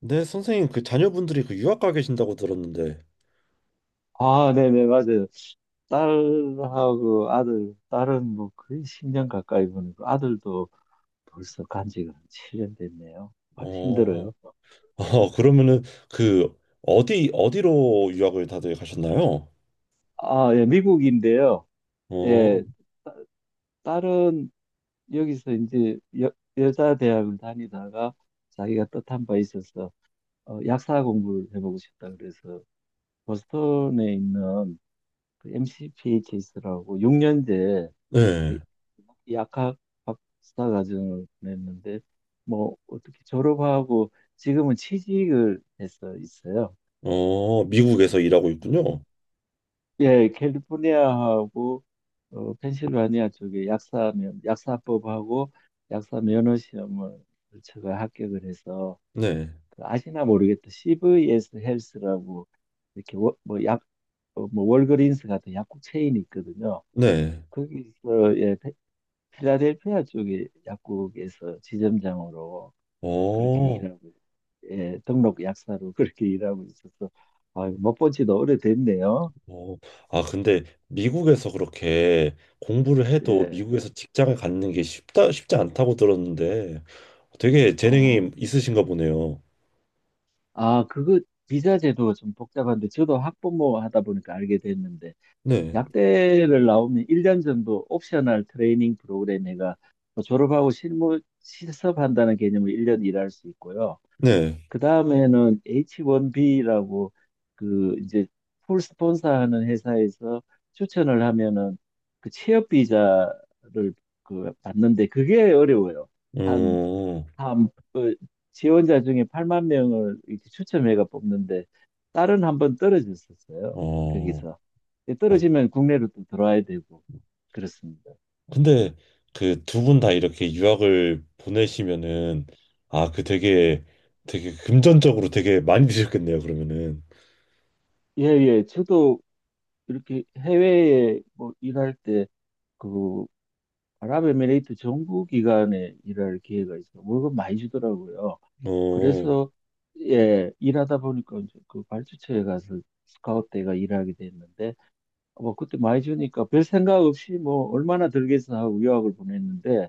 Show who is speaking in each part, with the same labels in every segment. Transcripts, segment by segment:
Speaker 1: 네, 선생님, 그 자녀분들이 그 유학 가 계신다고 들었는데,
Speaker 2: 아, 네네, 맞아요. 딸하고 아들, 딸은 뭐 거의 10년 가까이 보내고 아들도 벌써 간 지가 한 7년 됐네요. 아주
Speaker 1: 어,
Speaker 2: 힘들어요.
Speaker 1: 아, 그러면은 그 어디 어디로 유학을 다들 가셨나요?
Speaker 2: 아, 예, 미국인데요.
Speaker 1: 어,
Speaker 2: 예, 딸은 여기서 이제 여자 대학을 다니다가 자기가 뜻한 바 있어서 약사 공부를 해보고 싶다 그래서 보스턴에 있는 그 MCPHS라고 6년제 그
Speaker 1: 네,
Speaker 2: 약학 박사 과정을 보냈는데 뭐 어떻게 졸업하고 지금은 취직을 해서 있어요.
Speaker 1: 어, 미국에서 일하고
Speaker 2: 네.
Speaker 1: 있군요.
Speaker 2: 예, 캘리포니아하고 펜실바니아 쪽에 약사면 약사법하고 약사 면허 시험을 제가 합격을 해서
Speaker 1: 네,
Speaker 2: 그 아시나 모르겠다. CVS 헬스라고 이렇게 뭐약 뭐 월그린스 같은 약국 체인이 있거든요.
Speaker 1: 네,
Speaker 2: 거기서 예, 필라델피아 쪽의 약국에서 지점장으로 그렇게
Speaker 1: 어,
Speaker 2: 일하고, 예, 등록 약사로 그렇게 일하고 있어서, 아, 못본 지도 오래됐네요.
Speaker 1: 어, 아, 근데 미국에서 그렇게 공부를 해도
Speaker 2: 예,
Speaker 1: 미국에서 직장을 갖는 게 쉽다 쉽지 않다고 들었는데, 되게
Speaker 2: 어,
Speaker 1: 재능이 있으신가 보네요.
Speaker 2: 그거 비자 제도가 좀 복잡한데, 저도 학부모 하다 보니까 알게 됐는데,
Speaker 1: 네,
Speaker 2: 약대를 나오면 1년 정도 옵셔널 트레이닝 프로그램에가 뭐 졸업하고 실무 실습한다는 개념으로 1년 일할 수 있고요.
Speaker 1: 네,
Speaker 2: 그 다음에는 H1B라고 그 이제 풀 스폰서하는 회사에서 추천을 하면은 그 취업 비자를 그 받는데 그게 어려워요. 한,
Speaker 1: 음,
Speaker 2: 한, 어, 지원자 중에 8만 명을 이렇게 추첨해가 뽑는데 딸은 한 번 떨어졌었어요.
Speaker 1: 어.
Speaker 2: 거기서.
Speaker 1: 아,
Speaker 2: 떨어지면 국내로 또 들어와야 되고 그렇습니다.
Speaker 1: 근데 그 두 분 다 이렇게 유학을 보내시면은 아, 그
Speaker 2: 네.
Speaker 1: 되게 되게 금전적으로 되게 많이 드셨겠네요, 그러면은.
Speaker 2: 예, 예. 저도 이렇게 해외에 뭐 일할 때그 아랍에미레이트 정부 기관에 일할 기회가 있어. 월급 많이 주더라고요.
Speaker 1: 어,
Speaker 2: 그래서 예, 일하다 보니까 이제 그 발주처에 가서 스카웃대가 일하게 됐는데 뭐 그때 많이 주니까 별 생각 없이 뭐 얼마나 들겠어 하고 유학을 보냈는데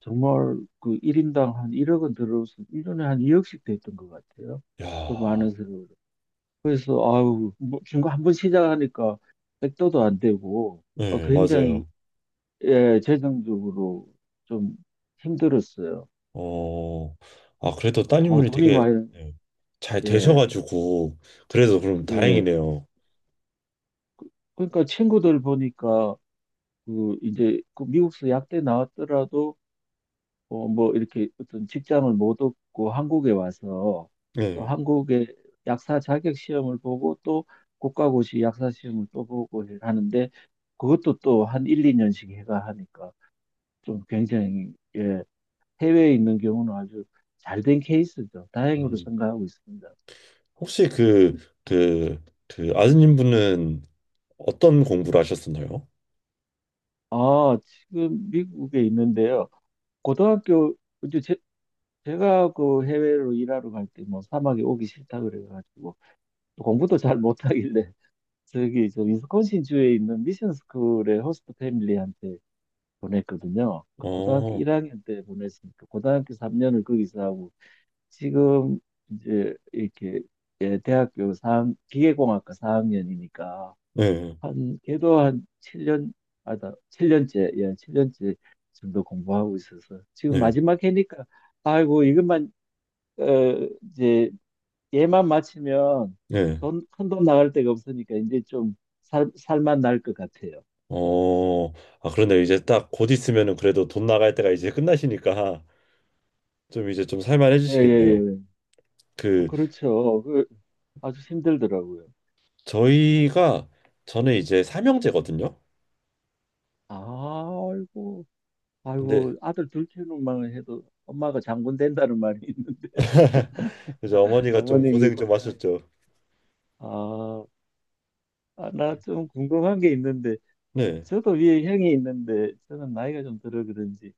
Speaker 2: 정말 그 1인당 한 1억은 들어서 1년에 한 2억씩 됐던 것 같아요. 그
Speaker 1: 야,
Speaker 2: 많은 세월을. 그래서 아유, 뭐 지금 한번 시작하니까 백도도 안 되고
Speaker 1: 네,
Speaker 2: 굉장히
Speaker 1: 맞아요.
Speaker 2: 예, 재정적으로 좀 힘들었어요.
Speaker 1: 어, 아, 그래도
Speaker 2: 아,
Speaker 1: 따님분이
Speaker 2: 돈이
Speaker 1: 되게
Speaker 2: 많이,
Speaker 1: 네, 잘
Speaker 2: 예,
Speaker 1: 되셔가지고, 그래도 그럼
Speaker 2: 예.
Speaker 1: 다행이네요.
Speaker 2: 그러니까 친구들 보니까, 그, 이제, 그 미국에서 약대 나왔더라도, 어, 뭐, 이렇게 어떤 직장을 못 얻고 한국에 와서, 또
Speaker 1: 네.
Speaker 2: 한국의 약사 자격 시험을 보고, 또 국가고시 약사 시험을 또 보고 하는데, 그것도 또 한 1, 2년씩 해가 하니까, 좀 굉장히, 예, 해외에 있는 경우는 아주 잘 된 케이스죠. 다행으로
Speaker 1: 음,
Speaker 2: 생각하고 있습니다.
Speaker 1: 혹시 그, 그, 그 아드님 분은 어떤 공부를 하셨었나요?
Speaker 2: 아, 지금 미국에 있는데요. 고등학교, 이제 제가 그 해외로 일하러 갈 때 뭐 사막에 오기 싫다 그래가지고 공부도 잘 못하길래 저기 저 위스콘신 주에 있는 미션 스쿨의 호스트 패밀리한테 보냈거든요. 고등학교
Speaker 1: 어,
Speaker 2: 1학년 때 보냈으니까 고등학교 3년을 거기서 하고 지금 이제 이렇게 예, 기계공학과 4학년이니까
Speaker 1: 네,
Speaker 2: 한, 걔도 한 7년, 아, 나 7년째 예, 7년째 정도 공부하고 있어서. 지금
Speaker 1: 네,
Speaker 2: 마지막 해니까, 아이고, 이것만, 어, 이제, 얘만 마치면
Speaker 1: 네.
Speaker 2: 돈, 큰 돈 나갈 데가 없으니까 이제 좀 살만 날 것 같아요.
Speaker 1: 어, 아, 그런데 이제 딱 곧 있으면은 그래도 돈 나갈 때가 이제 끝나시니까 좀 이제 좀
Speaker 2: 예, 예,
Speaker 1: 살만해지시겠네요.
Speaker 2: 예. 예.
Speaker 1: 그
Speaker 2: 그렇죠. 그, 아주 힘들더라고요.
Speaker 1: 저희가 저는 이제 삼형제거든요.
Speaker 2: 아이고,
Speaker 1: 근데
Speaker 2: 아이고, 아들 둘 키우는만 해도 엄마가 장군 된다는 말이 있는데,
Speaker 1: 이제 어머니가 좀
Speaker 2: 어머님이
Speaker 1: 고생 좀
Speaker 2: 고생하시
Speaker 1: 하셨죠.
Speaker 2: 아, 아, 나 좀 궁금한 게 있는데,
Speaker 1: 네,
Speaker 2: 저도 위에 형이 있는데 저는 나이가 좀 들어 그런지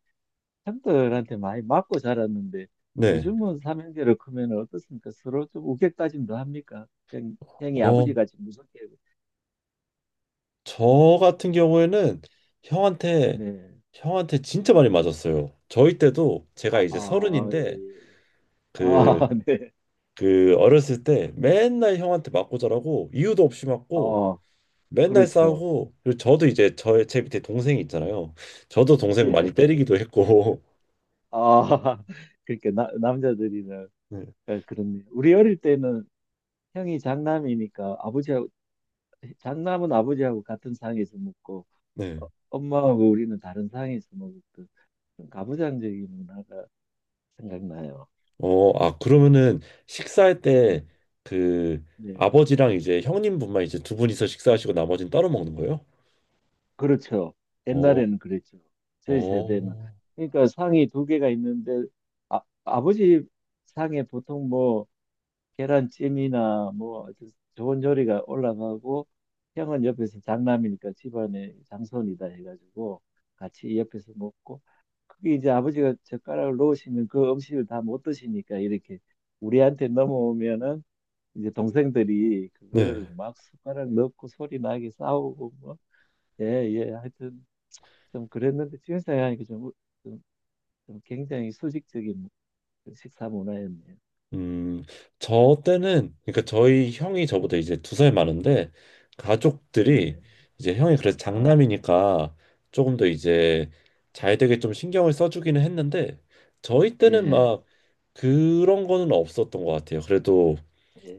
Speaker 2: 형들한테 많이 맞고 자랐는데
Speaker 1: 네.
Speaker 2: 요즘은 삼형제로 크면 어떻습니까? 서로 좀 우격다짐도 합니까? 형이
Speaker 1: 어,
Speaker 2: 아버지같이 무섭게
Speaker 1: 저 같은 경우에는 형한테
Speaker 2: 네.
Speaker 1: 형한테 진짜 많이 맞았어요. 저희 때도 제가
Speaker 2: 아,
Speaker 1: 이제
Speaker 2: 아, 예,
Speaker 1: 서른인데
Speaker 2: 예. 예. 아,
Speaker 1: 그
Speaker 2: 네.
Speaker 1: 그 어렸을 때 맨날 형한테 맞고 자라고 이유도 없이 맞고
Speaker 2: 어,
Speaker 1: 맨날
Speaker 2: 그렇죠.
Speaker 1: 싸우고, 그리고 저도 이제 저의 제 밑에 동생이 있잖아요. 저도 동생
Speaker 2: 예.
Speaker 1: 많이 때리기도 했고.
Speaker 2: 아, 그러니까 남자들이나
Speaker 1: 네.
Speaker 2: 예, 그렇네요. 우리 어릴 때는 형이 장남이니까 아버지하고 장남은 아버지하고 같은 상에서 먹고
Speaker 1: 네.
Speaker 2: 엄마하고 우리는 다른 상에서 먹었던 가부장적인 문화가 생각나요.
Speaker 1: 어, 아 그러면은 식사할 때
Speaker 2: 음.
Speaker 1: 그
Speaker 2: 네,
Speaker 1: 아버지랑 이제 형님분만 이제 두 분이서 식사하시고 나머지는 따로 먹는 거예요?
Speaker 2: 그렇죠.
Speaker 1: 어,
Speaker 2: 옛날에는 그랬죠. 저희 세대는.
Speaker 1: 어.
Speaker 2: 그러니까 상이 두 개가 있는데, 아, 아버지 상에 보통 뭐, 계란찜이나 뭐, 아주 좋은 요리가 올라가고, 형은 옆에서 장남이니까 집안의 장손이다 해가지고, 같이 옆에서 먹고, 그게 이제 아버지가 젓가락을 놓으시면 그 음식을 다 못 드시니까 이렇게 우리한테 넘어오면은, 이제 동생들이
Speaker 1: 네.
Speaker 2: 그거를 막 숟가락 넣고 소리 나게 싸우고 뭐, 예, 예, 하여튼 좀 그랬는데 지금 생각하니까 좀, 좀 굉장히 수직적인 식사 문화였네요.
Speaker 1: 음, 저 때는, 그러니까 저희 형이 저보다 이제 두 살 많은데, 가족들이
Speaker 2: 예,
Speaker 1: 이제 형이 그래서
Speaker 2: 아,
Speaker 1: 장남이니까 조금 더
Speaker 2: 예,
Speaker 1: 이제 잘 되게 좀 신경을 써주기는 했는데, 저희 때는
Speaker 2: 예,
Speaker 1: 막 그런 거는 없었던 것 같아요. 그래도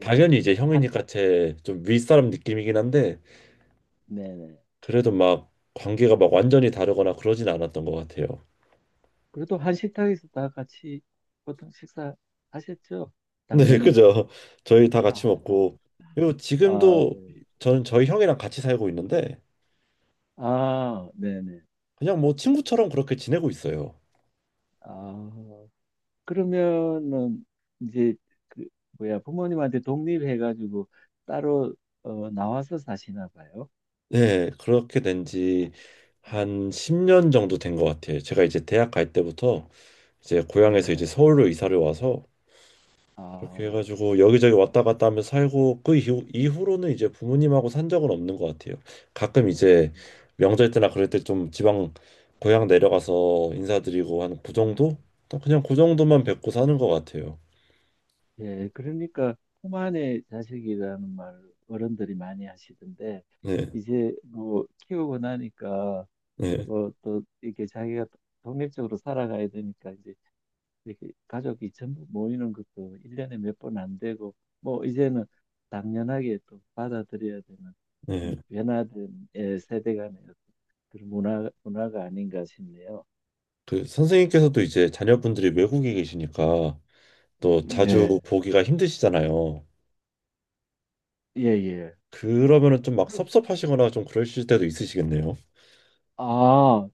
Speaker 1: 당연히 이제
Speaker 2: 한참,
Speaker 1: 형이니까 제 좀 윗사람 느낌이긴 한데,
Speaker 2: 네네.
Speaker 1: 그래도 막 관계가 막 완전히 다르거나 그러진 않았던 것 같아요.
Speaker 2: 그래도 한 식탁에서 다 같이 보통 식사 하셨죠?
Speaker 1: 네,
Speaker 2: 당연히.
Speaker 1: 그죠. 저희 다 같이
Speaker 2: 아,
Speaker 1: 먹고,
Speaker 2: 아,
Speaker 1: 그리고
Speaker 2: 아,
Speaker 1: 지금도 저는 저희 형이랑 같이 살고 있는데,
Speaker 2: 아, 네네.
Speaker 1: 그냥 뭐 친구처럼 그렇게 지내고 있어요.
Speaker 2: 아, 그러면은 이제 그 뭐야 부모님한테 독립해가지고 따로 나와서 사시나 봐요.
Speaker 1: 네, 그렇게 된지 한 10년 정도 된 것 같아요. 제가 이제 대학 갈 때부터 이제 고향에서 이제
Speaker 2: 네.
Speaker 1: 서울로 이사를 와서 그렇게
Speaker 2: 아,
Speaker 1: 해가지고 여기저기 왔다 갔다 하며 살고 그 이후로는 이제 부모님하고 산 적은 없는 것 같아요. 가끔 이제 명절 때나 그럴 때 좀 지방 고향 내려가서 인사드리고 한 그
Speaker 2: 음,
Speaker 1: 정도? 또 그냥 그 정도만 뵙고 사는 것 같아요.
Speaker 2: 예. 그러니까 품 안의 자식이라는 말 어른들이 많이 하시던데
Speaker 1: 네,
Speaker 2: 이제 뭐 키우고 나니까
Speaker 1: 네,
Speaker 2: 또 이렇게 자기가 독립적으로 살아가야 되니까 이제 이렇게 가족이 전부 모이는 것도 일년에 몇 번 안 되고, 뭐, 이제는 당연하게 또 받아들여야 되는
Speaker 1: 네.
Speaker 2: 그런 변화된 예, 세대 간의 어떤 그런 문화가 아닌가 싶네요.
Speaker 1: 그 선생님께서도 이제 자녀분들이 외국에 계시니까 또 자주
Speaker 2: 예,
Speaker 1: 보기가 힘드시잖아요.
Speaker 2: 예, 예.
Speaker 1: 그러면은 좀 막
Speaker 2: 그리고,
Speaker 1: 섭섭하시거나 좀 그러실 때도 있으시겠네요.
Speaker 2: 아,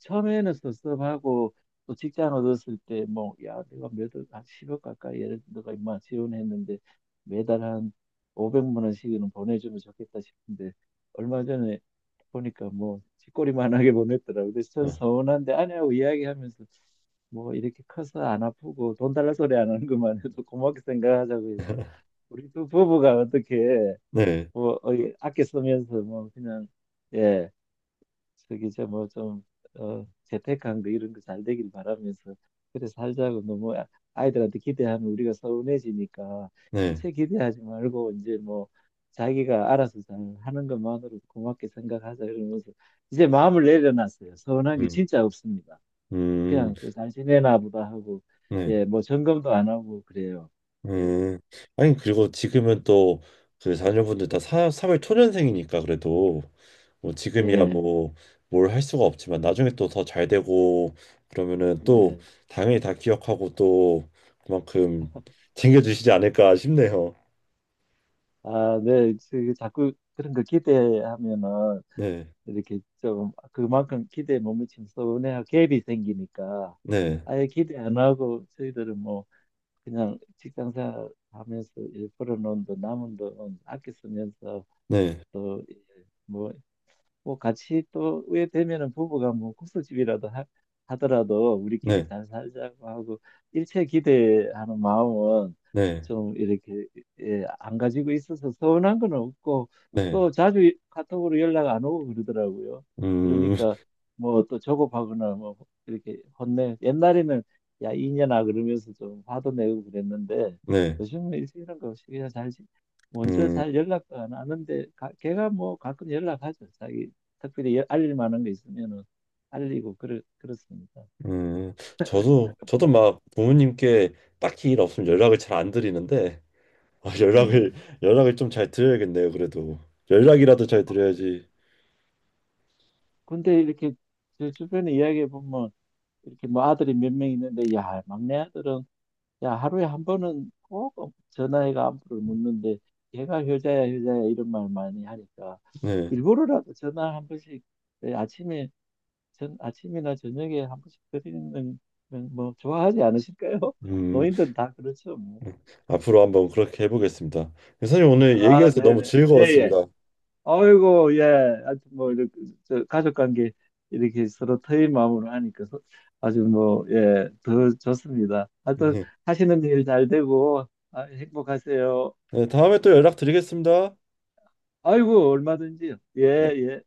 Speaker 2: 처음에는 섭섭하고 또 직장 얻었을 때 뭐 야 내가 몇억 한 10억 가까이 예를 들어 내가 인마 지원했는데 매달 한 500만 원씩은 보내주면 좋겠다 싶은데 얼마 전에 보니까 뭐 쥐꼬리만하게 보냈더라고요. 그래서 전
Speaker 1: 어.
Speaker 2: 서운한데 아내하고 이야기하면서 뭐 이렇게 커서 안 아프고 돈 달라 소리 안 하는 것만 해도 고맙게 생각하자고 해서 우리 두 부부가 어떻게
Speaker 1: 네,
Speaker 2: 뭐 아껴 쓰면서 뭐 그냥 예 저기 저 뭐좀 재택한 거 이런 거 잘 되길 바라면서 그래 살자고 아이들한테 기대하면 우리가 서운해지니까
Speaker 1: 네,
Speaker 2: 일체 기대하지 말고 이제 뭐 자기가 알아서 잘 하는 것만으로 고맙게 생각하자 이러면서 이제 마음을 내려놨어요. 서운한 게
Speaker 1: 음,
Speaker 2: 진짜 없습니다.
Speaker 1: 음,
Speaker 2: 그냥 저 잘 지내나 보다 하고
Speaker 1: 네,
Speaker 2: 예 뭐 점검도 안 하고 그래요. 예
Speaker 1: 음. 아니, 그리고 지금은 또 그 자녀분들 다 사회 초년생이니까 그래도 뭐 지금이야
Speaker 2: 네
Speaker 1: 뭐 뭘 할 수가 없지만 나중에 또 더 잘 되고 그러면은 또
Speaker 2: 네
Speaker 1: 당연히 다 기억하고 또 그만큼 챙겨주시지 않을까 싶네요.
Speaker 2: 아 네 자꾸 그런 거 기대하면은
Speaker 1: 네,
Speaker 2: 이렇게 좀 그만큼 기대에 못 미치면 서운해하고 갭이 생기니까
Speaker 1: 네,
Speaker 2: 아예 기대 안 하고 저희들은 뭐 그냥 직장 생활 하면서 일 벌어놓은 돈 남은 돈 아껴 쓰면서
Speaker 1: 네,
Speaker 2: 또뭐 뭐 같이 또 후회 되면은 부부가 뭐 국수집이라도 하더라도 우리끼리
Speaker 1: 네,
Speaker 2: 잘 살자고 하고 일체 기대하는 마음은
Speaker 1: 네.
Speaker 2: 좀 이렇게 예, 안 가지고 있어서 서운한 건 없고
Speaker 1: 네,
Speaker 2: 또 자주 카톡으로 연락 안 오고 그러더라고요.
Speaker 1: 음,
Speaker 2: 그러니까 뭐 또 조급하거나 뭐 이렇게 혼내 옛날에는 야 이년아 그러면서 좀 화도 내고 그랬는데
Speaker 1: 네,
Speaker 2: 요즘은 일찍 이런 거 없이 먼저
Speaker 1: 음,
Speaker 2: 잘 연락도 안 하는데 걔가 뭐 가끔 연락하죠. 자기 특별히 알릴 만한 게 있으면은 알리고 그렇습니다.
Speaker 1: 음, 저도 막 부모님께 딱히 일 없으면 연락을 잘 안 드리는데 아, 연락을
Speaker 2: 네.
Speaker 1: 연락을 좀 잘 드려야겠네요. 그래도 연락이라도 잘
Speaker 2: 아,
Speaker 1: 드려야지.
Speaker 2: 근데 이렇게 제 주변에 이야기해 보면 이렇게 뭐 아들이 몇 명 있는데 야 막내 아들은 야 하루에 한 번은 꼭 전화해가 안부를 묻는데 걔가 효자야 효자야 이런 말 많이 하니까
Speaker 1: 네,
Speaker 2: 일부러라도 전화 한 번씩 예, 아침에 전 아침이나 저녁에 한 번씩 드리는 건뭐 좋아하지 않으실까요?
Speaker 1: 음,
Speaker 2: 노인들은 다 그렇죠 뭐.
Speaker 1: 음. 앞으로 한번 그렇게 해보겠습니다. 선생님 오늘
Speaker 2: 아
Speaker 1: 얘기해서 너무
Speaker 2: 네네 예예
Speaker 1: 즐거웠습니다.
Speaker 2: 아이고, 예. 아주 뭐, 이렇게, 저, 가족 관계 이렇게 서로 터인 마음으로 하니까 아주 뭐, 예, 더 좋습니다. 하여튼 하시는 일 잘 되고, 아, 행복하세요.
Speaker 1: 네, 다음에 또 연락드리겠습니다.
Speaker 2: 아이고, 얼마든지요. 예,
Speaker 1: 네.
Speaker 2: 예.